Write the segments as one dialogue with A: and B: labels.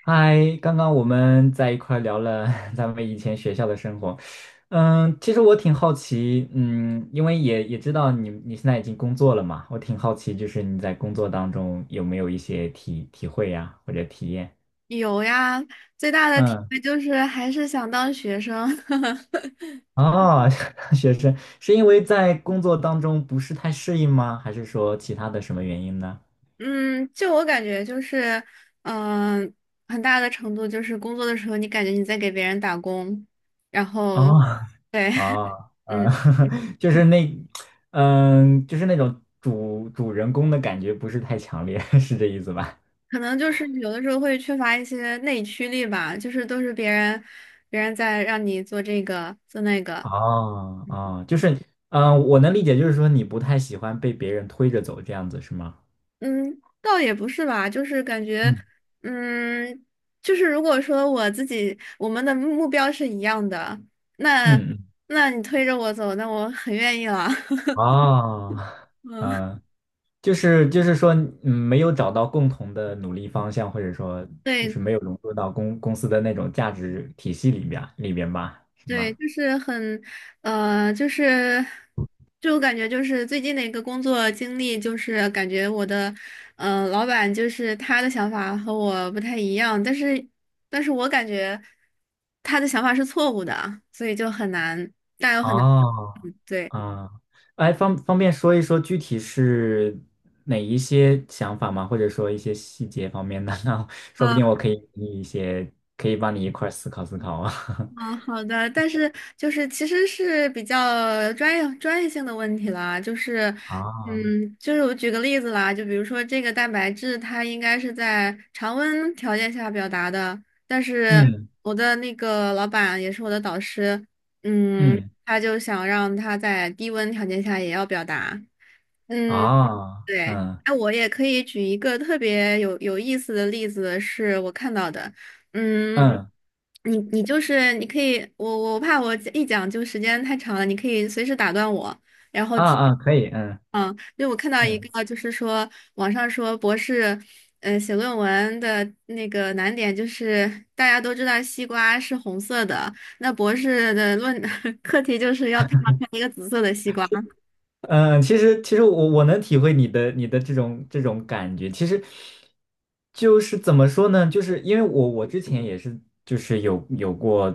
A: 嗨，刚刚我们在一块儿聊了 咱们以前学校的生活。嗯，其实我挺好奇，因为也知道你现在已经工作了嘛，我挺好奇，就是你在工作当中有没有一些体会呀，或者体验？
B: 有呀，最大的体
A: 嗯。
B: 会就是还是想当学生。
A: 哦，学生是因为在工作当中不是太适应吗？还是说其他的什么原因呢？
B: 嗯，就我感觉就是，嗯、很大的程度就是工作的时候，你感觉你在给别人打工，然后，
A: 哦。
B: 对，
A: 哦，
B: 嗯，
A: 就是那，嗯，就是那种主人公的感觉不是太强烈，是这意思吧？
B: 可能就是有的时候会缺乏一些内驱力吧，就是都是别人，别人在让你做这个做那个。
A: 哦
B: 嗯
A: 哦。就是，我能理解，就是说你不太喜欢被别人推着走这样子，是吗？
B: 嗯，倒也不是吧，就是感觉，
A: 嗯
B: 嗯，就是如果说我自己我们的目标是一样的，那
A: 嗯嗯。
B: 那你推着我走，那我很愿意了。
A: 哦。
B: 嗯，
A: 嗯，就是就是说，嗯，没有找到共同的努力方向，或者说就是
B: 对，
A: 没有融入到公司的那种价值体系里边吧，是
B: 对，
A: 吗？
B: 就是很，就是，就我感觉就是最近的一个工作经历，就是感觉我的，老板就是他的想法和我不太一样，但是，但是我感觉他的想法是错误的，所以就很难，但又很难，
A: 哦，
B: 嗯，对。
A: 啊，哎，方便说一说具体是哪一些想法吗？或者说一些细节方面的呢？那说不定我可以给你一些，可以帮你一块儿思考思考啊。
B: 嗯，好的，但是就是其实是比较专业性的问题啦，就是，
A: 啊。
B: 嗯，就是我举个例子啦，就比如说这个蛋白质，它应该是在常温条件下表达的，但是
A: 嗯
B: 我的那个老板也是我的导师，嗯，
A: 嗯。
B: 他就想让他在低温条件下也要表达。嗯。
A: 啊，
B: 对，
A: 嗯
B: 哎，我也可以举一个特别有意思的例子，是我看到的。嗯，
A: 嗯。
B: 你就是你可以，我怕我一讲就时间太长了，你可以随时打断我，然后
A: 啊
B: 提。
A: 啊，可以。嗯
B: 嗯，因为我看到一
A: 嗯
B: 个，就是说网上说博士，写论文的那个难点就是大家都知道西瓜是红色的，那博士的论 课题就是要配上一个紫色的西瓜。
A: 嗯，其实其实我能体会你的这种这种感觉，其实就是怎么说呢？就是因为我之前也是就是有过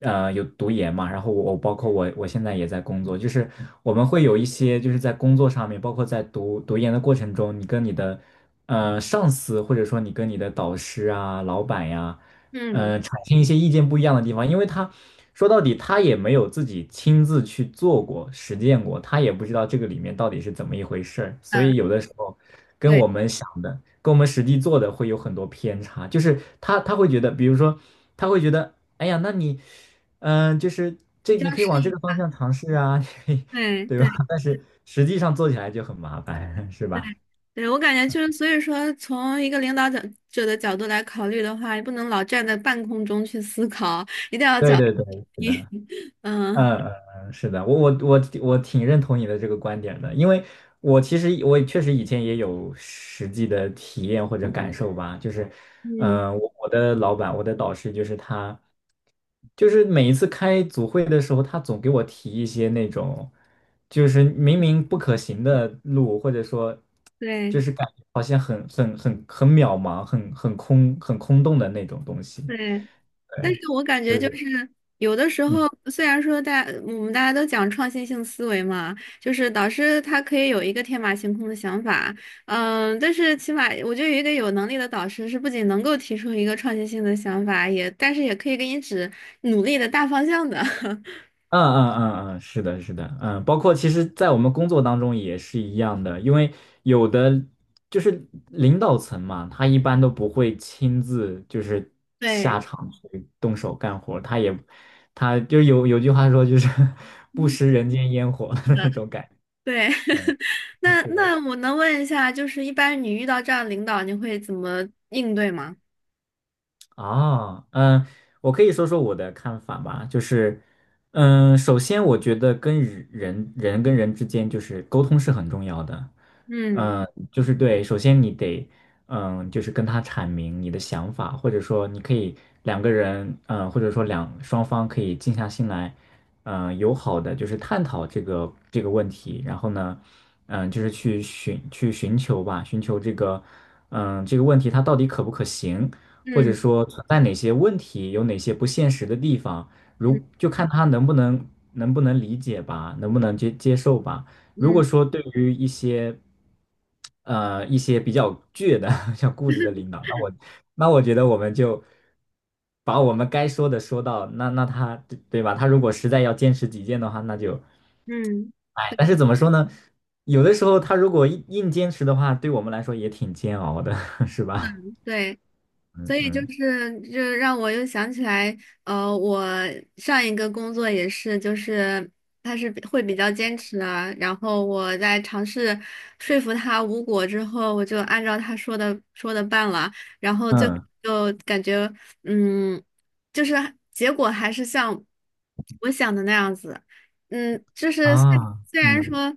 A: 有读研嘛，然后我包括我现在也在工作，就是我们会有一些就是在工作上面，包括在读研的过程中，你跟你的上司或者说你跟你的导师啊、老板呀。
B: 嗯
A: 呃，产生一些意见不一样的地方，因为他说到底他也没有自己亲自去做过、实践过，他也不知道这个里面到底是怎么一回事儿，所
B: 嗯，
A: 以有的时候跟
B: 对，
A: 我们想的、跟我们实际做的会有很多偏差，就是他会觉得，比如说他会觉得，哎呀，就是
B: 你
A: 这
B: 这
A: 你
B: 样
A: 可以
B: 试
A: 往这
B: 一
A: 个方
B: 下。
A: 向尝试啊。
B: 对
A: 对吧？
B: 对
A: 但是实际上做起来就很麻烦，是
B: 对
A: 吧？
B: 对，我感觉就是，所以说，从一个领导者的角度来考虑的话，也不能老站在半空中去思考，一定要
A: 对
B: 脚
A: 对对。是
B: 踢。
A: 的。
B: 嗯
A: 嗯嗯嗯，是的，我挺认同你的这个观点的，因为我其实确实以前也有实际的体验或者感受吧，就是，
B: 嗯，
A: 我的导师就是他，就是每一次开组会的时候，他总给我提一些那种，就是明明不可行的路，或者说，就
B: 对
A: 是感觉好像很渺茫、很空洞的那种东西。
B: 对，但
A: 对，
B: 是我感
A: 就
B: 觉就是
A: 是。
B: 有的时候，
A: 嗯。
B: 虽然说我们大家都讲创新性思维嘛，就是导师他可以有一个天马行空的想法，嗯，但是起码我觉得有一个有能力的导师是不仅能够提出一个创新性的想法，也但是也可以给你指努力的大方向的。
A: 嗯嗯嗯嗯，是的，是的。嗯，包括其实，在我们工作当中也是一样的，因为有的就是领导层嘛，他一般都不会亲自就是下
B: 对，
A: 场去动手干活儿，他就有句话说就是 不食人间烟火的
B: 是
A: 那
B: 的，
A: 种感
B: 对。
A: 觉。
B: 那
A: 是的。
B: 那我能问一下，就是一般你遇到这样的领导，你会怎么应对吗？
A: 啊，嗯，我可以说说我的看法吧。就是，嗯，首先我觉得跟人之间就是沟通是很重要的。
B: 嗯
A: 嗯，就是对，首先你得，嗯，就是跟他阐明你的想法，或者说你可以两个人，嗯，或者说双方可以静下心来，嗯，友好的就是探讨这个这个问题。然后呢，嗯，就是去寻求吧，寻求这个，嗯，这个问题它到底可不可行。或者
B: 嗯
A: 说存在哪些问题，有哪些不现实的地方，
B: 嗯
A: 就看他能不能理解吧，能不能接受吧。如果
B: 嗯
A: 说对于一些一些比较倔的、比较固执的领导，那我觉得我们就把我们该说的说到，那那他对对吧？他如果实在要坚持己见的话，那就
B: 嗯，
A: 哎，但是怎么说呢？有的时候他如果硬坚持的话，对我们来说也挺煎熬的，是吧？
B: 对。
A: 嗯
B: 所以就
A: 嗯。
B: 是，就让我又想起来，我上一个工作也是，就是他是比会比较坚持啊。然后我在尝试说服他无果之后，我就按照他说的办了，然后就
A: 嗯。
B: 就感觉，嗯，就是结果还是像我想的那样子，嗯，就是虽
A: 啊。
B: 虽然
A: 嗯。
B: 说，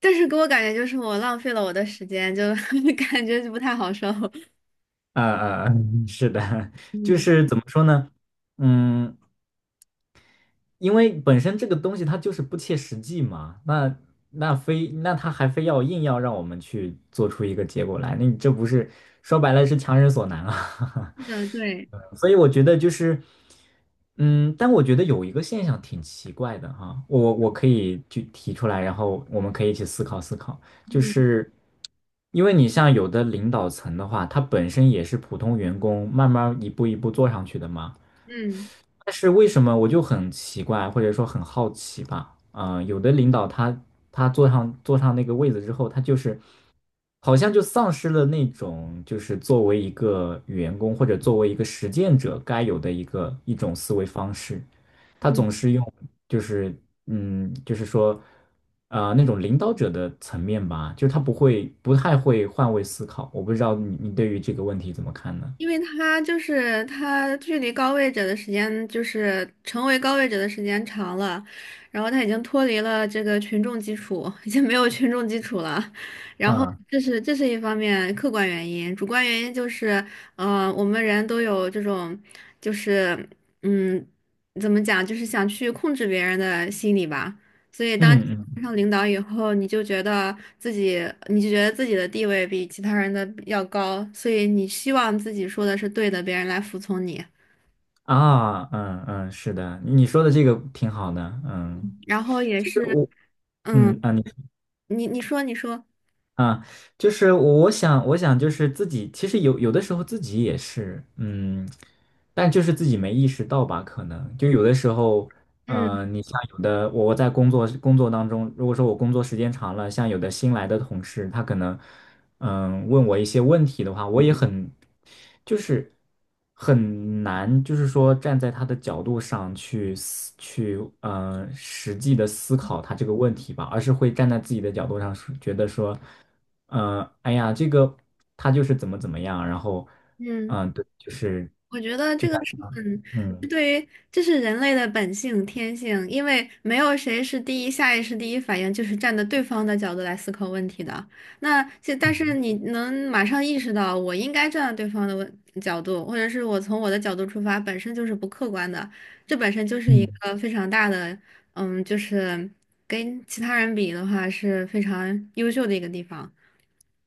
B: 但是给我感觉就是我浪费了我的时间，就 感觉就不太好受，
A: 啊啊嗯，是的，就
B: 嗯。
A: 是怎么说呢？嗯，因为本身这个东西它就是不切实际嘛，那他还非要硬要让我们去做出一个结果来，那你这不是说白了是强人所难啊？
B: 是的，对，
A: 所以我觉得就是，嗯，但我觉得有一个现象挺奇怪的哈。我可以去提出来，然后我们可以一起思考思考，就
B: 嗯
A: 是因为你像有的领导层的话，他本身也是普通员工，慢慢一步一步做上去的嘛。
B: 嗯
A: 但是为什么我就很奇怪，或者说很好奇吧？嗯、有的领导他坐上那个位子之后，他就是好像就丧失了那种就是作为一个员工或者作为一个实践者该有的一种思维方式。他
B: 嗯，
A: 总是用就是嗯，就是说呃那种领导者的层面吧，就是他不太会换位思考。我不知道你对于这个问题怎么看呢？
B: 因为他就是他距离高位者的时间，就是成为高位者的时间长了，然后他已经脱离了这个群众基础，已经没有群众基础了。然后
A: 嗯
B: 这是一方面客观原因，主观原因就是，我们人都有这种，就是嗯，怎么讲，就是想去控制别人的心理吧。所以当
A: 嗯。
B: 当上领导以后，你就觉得自己，你就觉得自己的地位比其他人的要高，所以你希望自己说的是对的，别人来服从你。
A: 啊，嗯嗯，是的，你说的这个挺好的。嗯，
B: 然后也
A: 其实
B: 是，
A: 我，
B: 嗯，
A: 嗯，啊，你。
B: 你说你说，
A: 啊，就是我想，我想就是自己，其实有有的时候自己也是，嗯，但就是自己没意识到吧，可能就有的时候，
B: 嗯
A: 呃，你像有的我在工作当中，如果说我工作时间长了，像有的新来的同事，他可能，嗯，问我一些问题的话，我也很，就是很难，就是说站在他的角度上去，呃，实际的思考他这个问题吧，而是会站在自己的角度上说，觉得说。嗯，哎呀，这个他就是怎么怎么样，然后，
B: 嗯。
A: 对，就是
B: 我觉得
A: 就
B: 这个
A: 像
B: 是很，
A: 嗯
B: 是对于这是人类的本性天性，因为没有谁是第一下意识第一反应就是站在对方的角度来思考问题的。那这但
A: 嗯
B: 是你能马上意识到我应该站在对方的问角度，或者是我从我的角度出发，本身就是不客观的，这本身就是一个非常大的，嗯，就是跟其他人比的话是非常优秀的一个地方。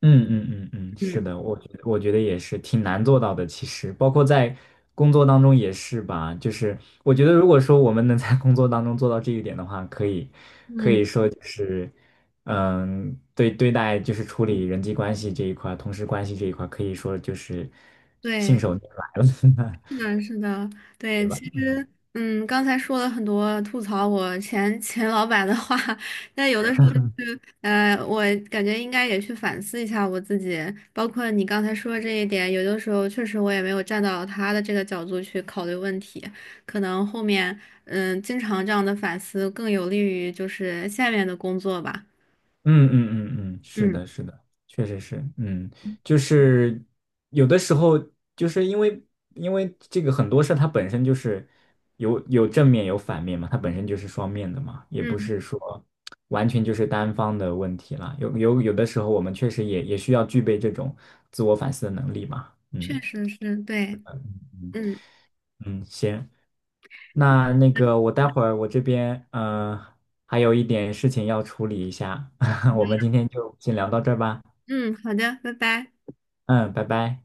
A: 嗯嗯。嗯嗯，是
B: 嗯
A: 的，我觉得也是挺难做到的。其实包括在工作当中也是吧，就是我觉得如果说我们能在工作当中做到这一点的话，可
B: 嗯，
A: 以说就是嗯，对待就是处理人际关系这一块儿同事关系这一块儿可以说就是信
B: 对。
A: 手拈来了。
B: 是的，是的，
A: 对
B: 对，
A: 吧？
B: 其实，嗯，刚才说了很多吐槽我前老板的话，但有的时候是，我感觉应该也去反思一下我自己，包括你刚才说的这一点，有的时候确实我也没有站到他的这个角度去考虑问题，可能后面，嗯，经常这样的反思更有利于就是下面的工作吧。
A: 嗯嗯嗯嗯，是
B: 嗯
A: 的，是的，确实是。嗯，就是有的时候，就是因为这个很多事儿它本身就是有正面有反面嘛，它本身就是双面的嘛，也不
B: 嗯，
A: 是说完全就是单方的问题啦。有的时候，我们确实也需要具备这种自我反思的能力嘛。
B: 确
A: 嗯
B: 实是，对，
A: 嗯
B: 嗯
A: 嗯，行，那个我待会儿我这边呃还有一点事情要处理一下，我们今天就先聊到这儿吧。
B: 嗯，好的，拜拜。
A: 嗯，拜拜。